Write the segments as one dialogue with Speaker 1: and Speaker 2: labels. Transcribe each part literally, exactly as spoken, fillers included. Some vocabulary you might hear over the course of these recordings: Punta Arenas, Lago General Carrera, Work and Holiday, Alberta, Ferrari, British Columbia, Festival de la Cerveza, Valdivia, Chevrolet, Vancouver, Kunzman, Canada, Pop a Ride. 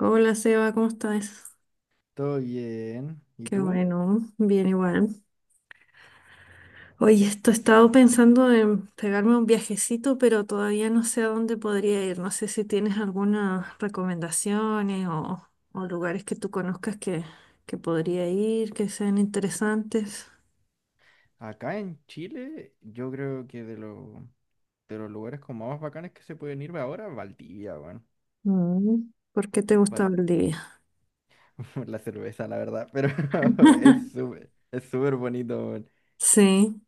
Speaker 1: Hola Seba, ¿cómo estás?
Speaker 2: Todo bien. ¿Y
Speaker 1: Qué
Speaker 2: tú?
Speaker 1: bueno, bien igual. Oye, esto he estado pensando en pegarme un viajecito, pero todavía no sé a dónde podría ir. No sé si tienes algunas recomendaciones o, o lugares que tú conozcas que, que podría ir, que sean interesantes.
Speaker 2: Acá en Chile, yo creo que de, lo- de los lugares como más bacanes que se pueden ir ahora, Valdivia, weón.
Speaker 1: Mm, ¿Por qué te gusta
Speaker 2: Val-
Speaker 1: Bolivia?
Speaker 2: La cerveza, la verdad, pero es súper, es súper bonito, weón.
Speaker 1: Sí,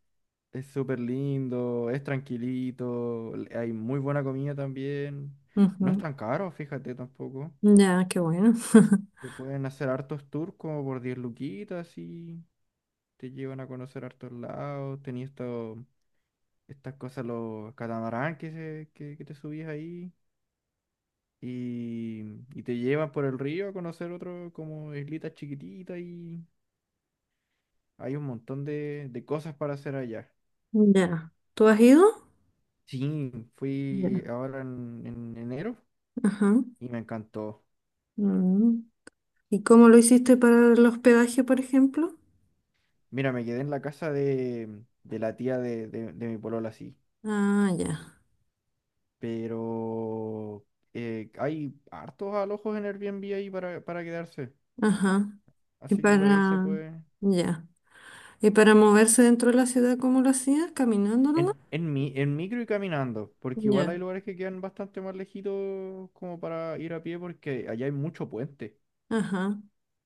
Speaker 2: Es súper lindo, es tranquilito, l- hay muy buena comida también. No es
Speaker 1: ujú.
Speaker 2: tan caro, fíjate tampoco.
Speaker 1: Ya, qué bueno.
Speaker 2: Te pueden hacer hartos tours como por diez luquitas y te llevan a conocer hartos lados. Tenías esto. Estas cosas, los catamarán que, se, que, que te subís ahí y, y te llevan por el río a conocer otro como islitas chiquititas y hay un montón de, de cosas para hacer allá.
Speaker 1: Ya. ¿Tú has ido?
Speaker 2: Sí, fui
Speaker 1: Ya.
Speaker 2: ahora en, en enero
Speaker 1: Ajá.
Speaker 2: y me encantó.
Speaker 1: Mm. ¿Y cómo lo hiciste para el hospedaje, por ejemplo?
Speaker 2: Mira, me quedé en la casa de, de la tía de, de, de mi polola, sí,
Speaker 1: Ah, ya.
Speaker 2: pero eh, hay hartos alojos en Airbnb ahí para, para quedarse,
Speaker 1: Ajá. Y
Speaker 2: así que por ahí se
Speaker 1: para...
Speaker 2: puede.
Speaker 1: Ya. ¿Y para moverse dentro de la ciudad, cómo lo hacías? ¿Caminando nomás?
Speaker 2: En, en, mi, en micro y caminando, porque igual
Speaker 1: Ya.
Speaker 2: hay lugares que quedan bastante más lejitos como para ir a pie porque allá hay mucho puente.
Speaker 1: Ajá.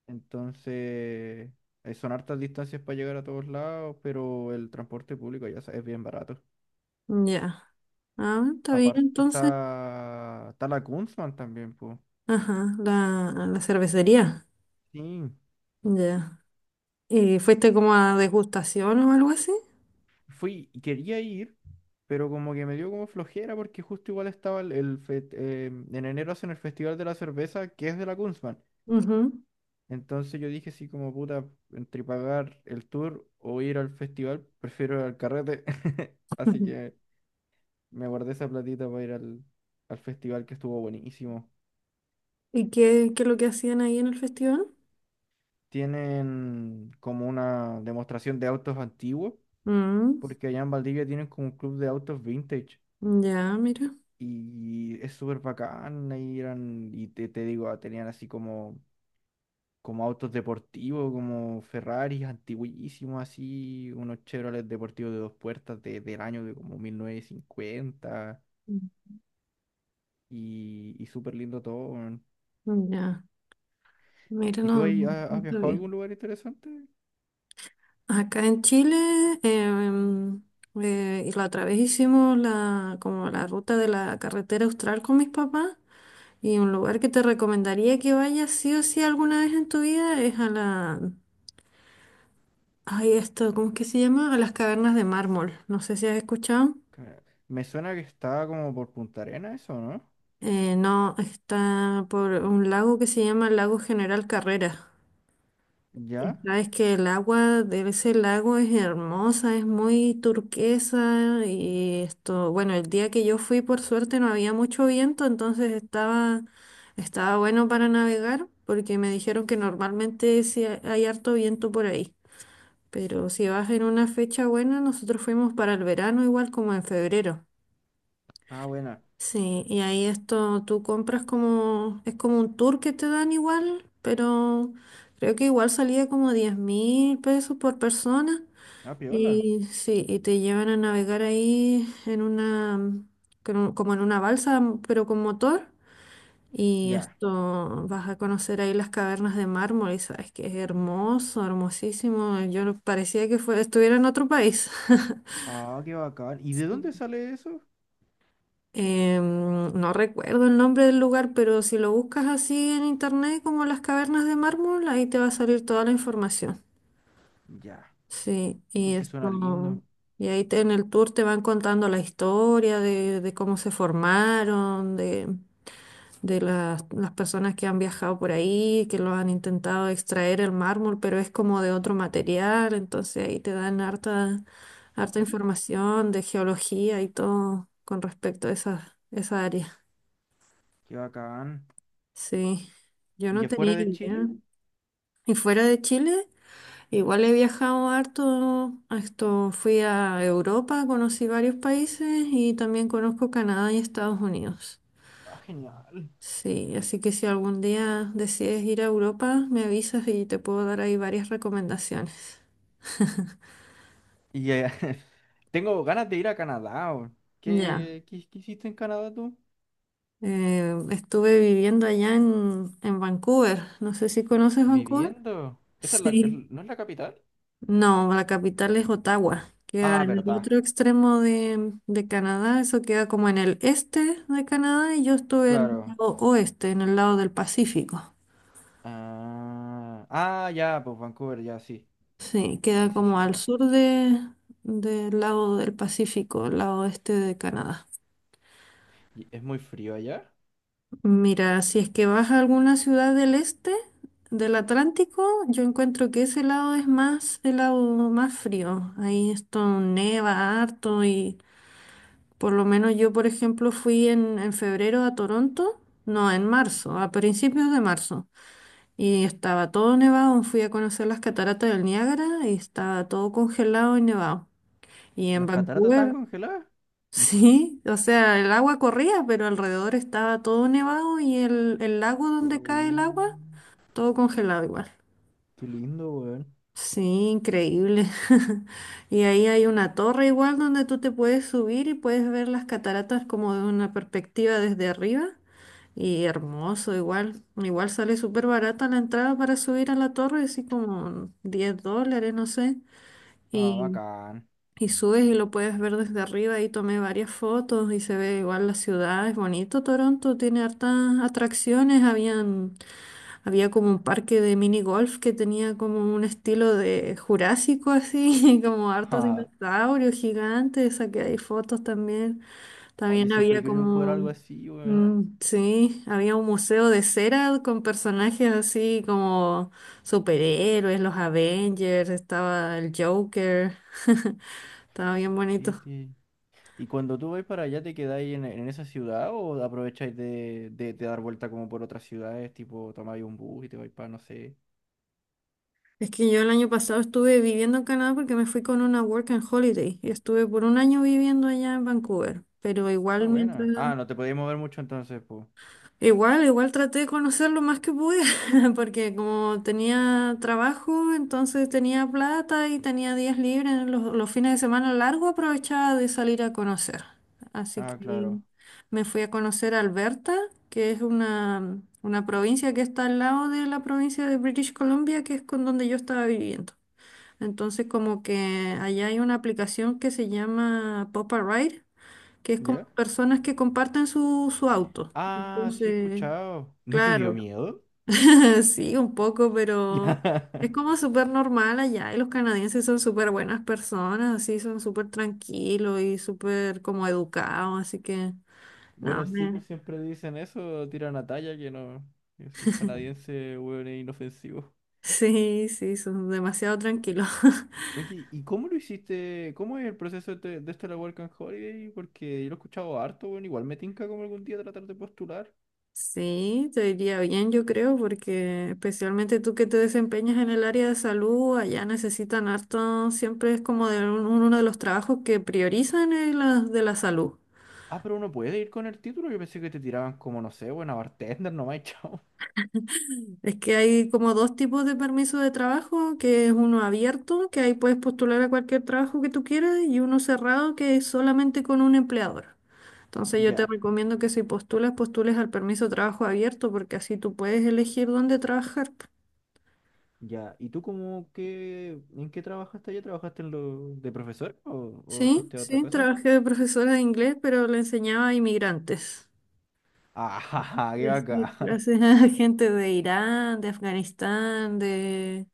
Speaker 2: Entonces, eh, son hartas distancias para llegar a todos lados, pero el transporte público ya es bien barato.
Speaker 1: Ya. Ah, está bien,
Speaker 2: Aparte
Speaker 1: entonces.
Speaker 2: está, está la Kunzman también, pues.
Speaker 1: Ajá. La, a la cervecería.
Speaker 2: Sí,
Speaker 1: Ya. ¿Y fuiste como a degustación o algo así?
Speaker 2: fui, quería ir, pero como que me dio como flojera porque justo igual estaba el, el fe- eh, en enero hacen el Festival de la Cerveza que es de la Kunzman.
Speaker 1: Ujú.
Speaker 2: Entonces yo dije así como puta, entre pagar el tour o ir al festival, prefiero ir al carrete. Así
Speaker 1: Ujú.
Speaker 2: que me guardé esa platita para ir al, al festival que estuvo buenísimo.
Speaker 1: ¿Y qué, qué es lo que hacían ahí en el festival?
Speaker 2: Tienen como una demostración de autos antiguos,
Speaker 1: Mm,
Speaker 2: porque allá en Valdivia tienen como un club de autos vintage.
Speaker 1: ya, mira.
Speaker 2: Y es súper bacán, ahí eran, y te, te digo, ah, tenían así como como autos deportivos, como Ferraris antiguísimos, así, unos Chevrolet deportivos de dos puertas de- del año de como mil novecientos cincuenta
Speaker 1: Mm,
Speaker 2: y, y súper lindo todo, weón.
Speaker 1: ya. Mira,
Speaker 2: ¿Y tú
Speaker 1: no,
Speaker 2: ahí
Speaker 1: no
Speaker 2: ha- has,
Speaker 1: no
Speaker 2: viajado a
Speaker 1: sabía.
Speaker 2: algún lugar interesante?
Speaker 1: Acá en Chile, em, eh, y la otra vez hicimos la, como la ruta de la carretera austral con mis papás y un lugar que te recomendaría que vayas sí o sí alguna vez en tu vida es a la, ay, esto, ¿cómo es que se llama? A las cavernas de mármol. No sé si has escuchado.
Speaker 2: Ca- Me suena que estaba como por Punta Arenas eso, ¿no?
Speaker 1: Eh, no, está por un lago que se llama Lago General Carrera. Y
Speaker 2: ¿Ya?
Speaker 1: sabes que el agua de ese lago es hermosa, es muy turquesa y esto, bueno, el día que yo fui por suerte no había mucho viento, entonces estaba, estaba bueno para navegar porque me dijeron que normalmente sí ha- hay harto viento por ahí, pero si vas en una fecha buena, nosotros fuimos para el verano igual como en febrero.
Speaker 2: Ah, buena.
Speaker 1: Sí, y ahí esto tú compras como, es como un tour que te dan igual, pero creo que igual salía como diez mil pesos por persona.
Speaker 2: Ah, piola.
Speaker 1: Y sí, y te llevan a navegar ahí en una, con un- como en una balsa, pero con motor. Y
Speaker 2: Ya.
Speaker 1: esto, vas a conocer ahí las cavernas de mármol y sabes que es hermoso, hermosísimo. Yo no, parecía que fue, estuviera en otro país.
Speaker 2: Ah, qué bacán. ¿Y de dónde sale eso?
Speaker 1: Em, no recuerdo el nombre del lugar, pero si lo buscas así en internet como las cavernas de mármol, ahí te va a salir toda la información.
Speaker 2: Ya.
Speaker 1: Sí,
Speaker 2: ¿Y
Speaker 1: y
Speaker 2: por qué suena lindo?
Speaker 1: esto, y ahí te- en el tour te van contando la historia de, de cómo se formaron, de, de las, las personas que han viajado por ahí, que lo han intentado extraer el mármol, pero es como de otro material, entonces ahí te dan harta, harta
Speaker 2: Ah, mira,
Speaker 1: información de geología y todo con respecto a esa, esa área.
Speaker 2: qué bacán.
Speaker 1: Sí, yo
Speaker 2: ¿Y
Speaker 1: no tenía
Speaker 2: afuera de
Speaker 1: idea.
Speaker 2: Chile?
Speaker 1: Y fuera de Chile, igual he viajado harto. A Esto, fui a Europa, conocí varios países y también conozco Canadá y Estados Unidos.
Speaker 2: Ah, genial.
Speaker 1: Sí, así que si algún día decides ir a Europa, me avisas y te puedo dar ahí varias recomendaciones.
Speaker 2: Y eh, tengo ganas de ir a Canadá, weón.
Speaker 1: Ya.
Speaker 2: ¿Qué, qué, qué hiciste en Canadá tú?
Speaker 1: Eh, estuve viviendo allá en, en Vancouver. No sé si conoces Vancouver.
Speaker 2: Viviendo. ¿Esa es la, es-
Speaker 1: Sí.
Speaker 2: no es la capital?
Speaker 1: No, la capital es Ottawa. Queda
Speaker 2: Ah,
Speaker 1: en el
Speaker 2: verdad.
Speaker 1: otro extremo de, de Canadá. Eso queda como en el este de Canadá y yo estuve en el
Speaker 2: Claro.
Speaker 1: lado oeste, en el lado del Pacífico.
Speaker 2: Ah, ah, ya, pues Vancouver, ya, sí.
Speaker 1: Sí,
Speaker 2: Sí,
Speaker 1: queda
Speaker 2: sí,
Speaker 1: como
Speaker 2: sí,
Speaker 1: al
Speaker 2: ya.
Speaker 1: sur de, del lado del Pacífico, el lado este de Canadá.
Speaker 2: ¿Y es muy frío allá?
Speaker 1: Mira, si es que vas a alguna ciudad del este, del Atlántico, yo encuentro que ese lado es más, el lado más frío. Ahí esto neva harto y... Por lo menos yo, por ejemplo, fui en, en febrero a Toronto, no, en marzo, a principios de marzo, y estaba todo nevado, fui a conocer las cataratas del Niágara y estaba todo congelado y nevado. Y en
Speaker 2: ¿Las cataratas están
Speaker 1: Vancouver,
Speaker 2: congeladas?
Speaker 1: sí, o sea, el agua corría, pero alrededor estaba todo nevado y el, el lago donde cae el
Speaker 2: Uh,
Speaker 1: agua, todo congelado igual.
Speaker 2: qué lindo, weón.
Speaker 1: Sí, increíble. Y ahí hay una torre igual donde tú te puedes subir y puedes ver las cataratas como de una perspectiva desde arriba. Y hermoso, igual, igual sale súper barata la entrada para subir a la torre, así como diez dólares, no sé.
Speaker 2: Ah,
Speaker 1: Y,
Speaker 2: bacán.
Speaker 1: y subes y lo puedes ver desde arriba y tomé varias fotos y se ve igual la ciudad, es bonito Toronto, tiene hartas atracciones, habían, había como un parque de mini golf que tenía como un estilo de jurásico así, como
Speaker 2: Ja,
Speaker 1: hartos
Speaker 2: ja.
Speaker 1: dinosaurios gigantes, saqué ahí fotos también.
Speaker 2: Oye,
Speaker 1: También
Speaker 2: siempre he
Speaker 1: había
Speaker 2: querido jugar
Speaker 1: como,
Speaker 2: algo así, weón.
Speaker 1: mm, sí, había un museo de cera con personajes así como superhéroes, los Avengers, estaba el Joker, estaba
Speaker 2: Qué
Speaker 1: bien bonito.
Speaker 2: triste. ¿Y cuando tú vais para allá, te quedáis en, en esa ciudad o aprovecháis de, de- de dar vuelta como por otras ciudades? Tipo, tomáis un bus y te vais para, no sé.
Speaker 1: Es que yo el año pasado estuve viviendo en Canadá porque me fui con una work and holiday y estuve por un año viviendo allá en Vancouver, pero
Speaker 2: Ah,
Speaker 1: igual mientras.
Speaker 2: buena. Ah, no te podías mover mucho entonces, pues.
Speaker 1: Igual, igual traté de conocer lo más que pude, porque como tenía trabajo, entonces tenía plata y tenía días libres, los, los fines de semana largo aprovechaba de salir a conocer. Así
Speaker 2: Ah,
Speaker 1: que
Speaker 2: claro.
Speaker 1: me fui a conocer Alberta, que es una, una provincia que está al lado de la provincia de British Columbia, que es con donde yo estaba viviendo. Entonces como que allá hay una aplicación que se llama Pop a Ride, que es como
Speaker 2: ¿Ya?
Speaker 1: personas que comparten su, su auto.
Speaker 2: Ah, sí he
Speaker 1: Entonces.
Speaker 2: escuchado. ¿No te dio
Speaker 1: Claro,
Speaker 2: miedo?
Speaker 1: sí, un poco, pero es como súper normal allá y los canadienses son súper buenas personas, así son súper tranquilos y súper como educados, así que no,
Speaker 2: Bueno, sí,
Speaker 1: me-
Speaker 2: pues siempre dicen eso, tiran a talla que no. Que si es canadiense, weón, es inofensivo.
Speaker 1: sí, sí, son demasiado tranquilos.
Speaker 2: Oye, ¿y cómo lo hiciste? ¿Cómo es el proceso de, este- de esta la Work and Holiday? Porque yo lo he escuchado harto, bueno, igual me tinca como algún día tratar de postular.
Speaker 1: Sí, te diría bien, yo creo, porque especialmente tú que te desempeñas en el área de salud, allá necesitan harto, siempre es como de un- uno de los trabajos que priorizan es la- de la salud.
Speaker 2: Ah, pero uno puede ir con el título. Yo pensé que te tiraban como, no sé, buena bartender nomás, y chao.
Speaker 1: Es que hay como dos tipos de permiso de trabajo, que es uno abierto, que ahí puedes postular a cualquier trabajo que tú quieras, y uno cerrado, que es solamente con un empleador. Entonces yo te
Speaker 2: Ya,
Speaker 1: recomiendo que si postulas, postules al permiso de trabajo abierto, porque así tú puedes elegir dónde trabajar.
Speaker 2: ya. ¿Y tú cómo qué, en qué trabajaste allá? ¿Trabajaste en lo de profesor o, o
Speaker 1: Sí,
Speaker 2: fuiste a otra
Speaker 1: sí,
Speaker 2: cosa?
Speaker 1: trabajé de profesora de inglés, pero le enseñaba a inmigrantes.
Speaker 2: ¡Ah, qué
Speaker 1: Sí,
Speaker 2: bacán!
Speaker 1: clase, gente de Irán, de Afganistán, de,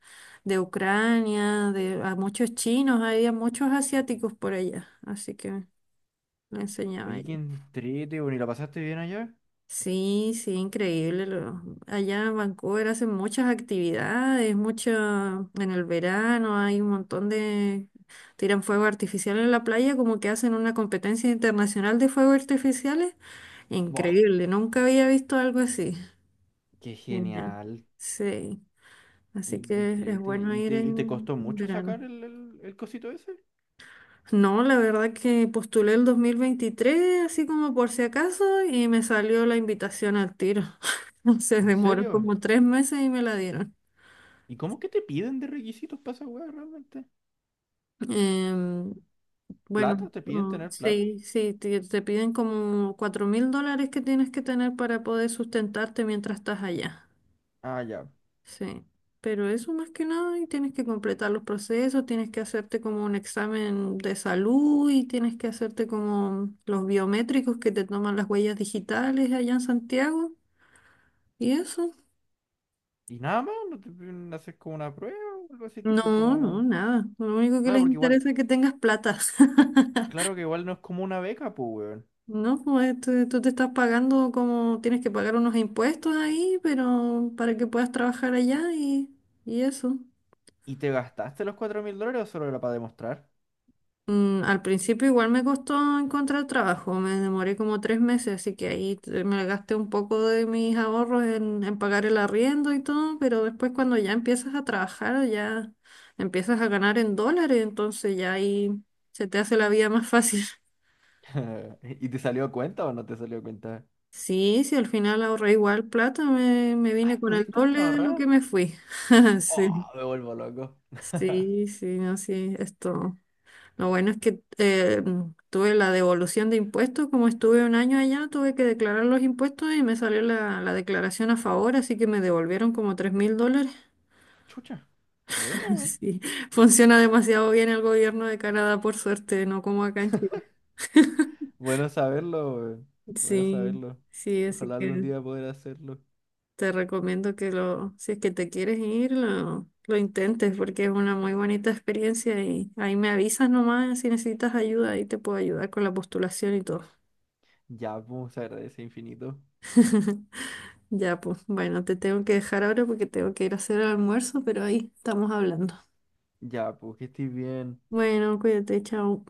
Speaker 1: de, Ucrania, de a muchos chinos, había muchos asiáticos por allá, así que me enseñaba
Speaker 2: Oye, qué
Speaker 1: ella.
Speaker 2: entrete, bueno, ¿y la pasaste bien allá?
Speaker 1: Sí, sí, increíble. Lo- allá en Vancouver hacen muchas actividades, mucho en el verano hay un montón de... Tiran fuego artificial en la playa, como que hacen una competencia internacional de fuegos artificiales.
Speaker 2: ¡Buah!
Speaker 1: Increíble, nunca había visto algo así.
Speaker 2: ¡Qué
Speaker 1: Genial.
Speaker 2: genial!
Speaker 1: Sí. Así
Speaker 2: Ay, qué
Speaker 1: que es
Speaker 2: entrete.
Speaker 1: bueno
Speaker 2: ¿Y
Speaker 1: ir
Speaker 2: te, y te
Speaker 1: en
Speaker 2: costó mucho
Speaker 1: verano.
Speaker 2: sacar el, el, el cosito ese?
Speaker 1: No, la verdad que postulé el dos mil veintitrés así como por si acaso y me salió la invitación al tiro. Se
Speaker 2: ¿En
Speaker 1: demoró
Speaker 2: serio?
Speaker 1: como tres meses y me la dieron.
Speaker 2: ¿Y cómo que te piden de requisitos para esa weá realmente?
Speaker 1: Em,
Speaker 2: ¿Plata?
Speaker 1: bueno,
Speaker 2: ¿Te piden
Speaker 1: mm,
Speaker 2: tener plata?
Speaker 1: sí, sí, te, te piden como cuatro mil dólares que tienes que tener para poder sustentarte mientras estás allá.
Speaker 2: Ah, ya.
Speaker 1: Sí, pero eso más que nada, y tienes que completar los procesos, tienes que hacerte como un examen de salud y tienes que hacerte como los biométricos que te toman las huellas digitales allá en Santiago y eso.
Speaker 2: Y nada más, no te piden hacer como una prueba o algo así,
Speaker 1: No,
Speaker 2: tipo
Speaker 1: no,
Speaker 2: como.
Speaker 1: nada. Lo único que
Speaker 2: Claro,
Speaker 1: les
Speaker 2: porque igual,
Speaker 1: interesa es que tengas plata.
Speaker 2: claro que igual no es como una beca, pues, weón.
Speaker 1: No, pues tú, tú te estás pagando como tienes que pagar unos impuestos ahí, pero para que puedas trabajar allá y, y eso.
Speaker 2: ¿Y te gastaste los cuatro mil dólares o solo era para demostrar?
Speaker 1: Mm, al principio igual me costó encontrar trabajo, me demoré como tres meses, así que ahí te- me gasté un poco de mis ahorros en, en pagar el arriendo y todo, pero después cuando ya empiezas a trabajar, ya empiezas a ganar en dólares, entonces ya ahí se te hace la vida más fácil.
Speaker 2: ¿Y te salió a cuenta o no te salió a cuenta?
Speaker 1: Sí, sí, al final ahorré igual plata, me, me
Speaker 2: Ay,
Speaker 1: vine con el
Speaker 2: ¿pudiste hasta
Speaker 1: doble de lo
Speaker 2: ahorrar?
Speaker 1: que me fui. Sí,
Speaker 2: Oh, me vuelvo loco.
Speaker 1: sí, sí, no, sí, esto. Lo bueno es que eh, tuve la devolución de impuestos, como estuve un año allá, tuve que declarar los impuestos y me salió la, la declaración a favor, así que me devolvieron como tres mil dólares.
Speaker 2: Chucha, bueno, weón.
Speaker 1: Sí, funciona demasiado bien el gobierno de Canadá, por suerte, no como acá en Chile.
Speaker 2: Bueno saberlo, weón. Bueno
Speaker 1: Sí,
Speaker 2: saberlo.
Speaker 1: sí, así
Speaker 2: Ojalá algún
Speaker 1: que
Speaker 2: día poder hacerlo.
Speaker 1: te recomiendo que lo, si es que te quieres ir, lo, lo intentes porque es una muy bonita experiencia y ahí me avisas nomás si necesitas ayuda, ahí te puedo ayudar con la postulación y todo.
Speaker 2: Ya, pues, se agradece infinito.
Speaker 1: Ya, pues bueno, te tengo que dejar ahora porque tengo que ir a hacer el almuerzo, pero ahí estamos hablando.
Speaker 2: Ya, pues, que estés bien.
Speaker 1: Bueno, cuídate, chao.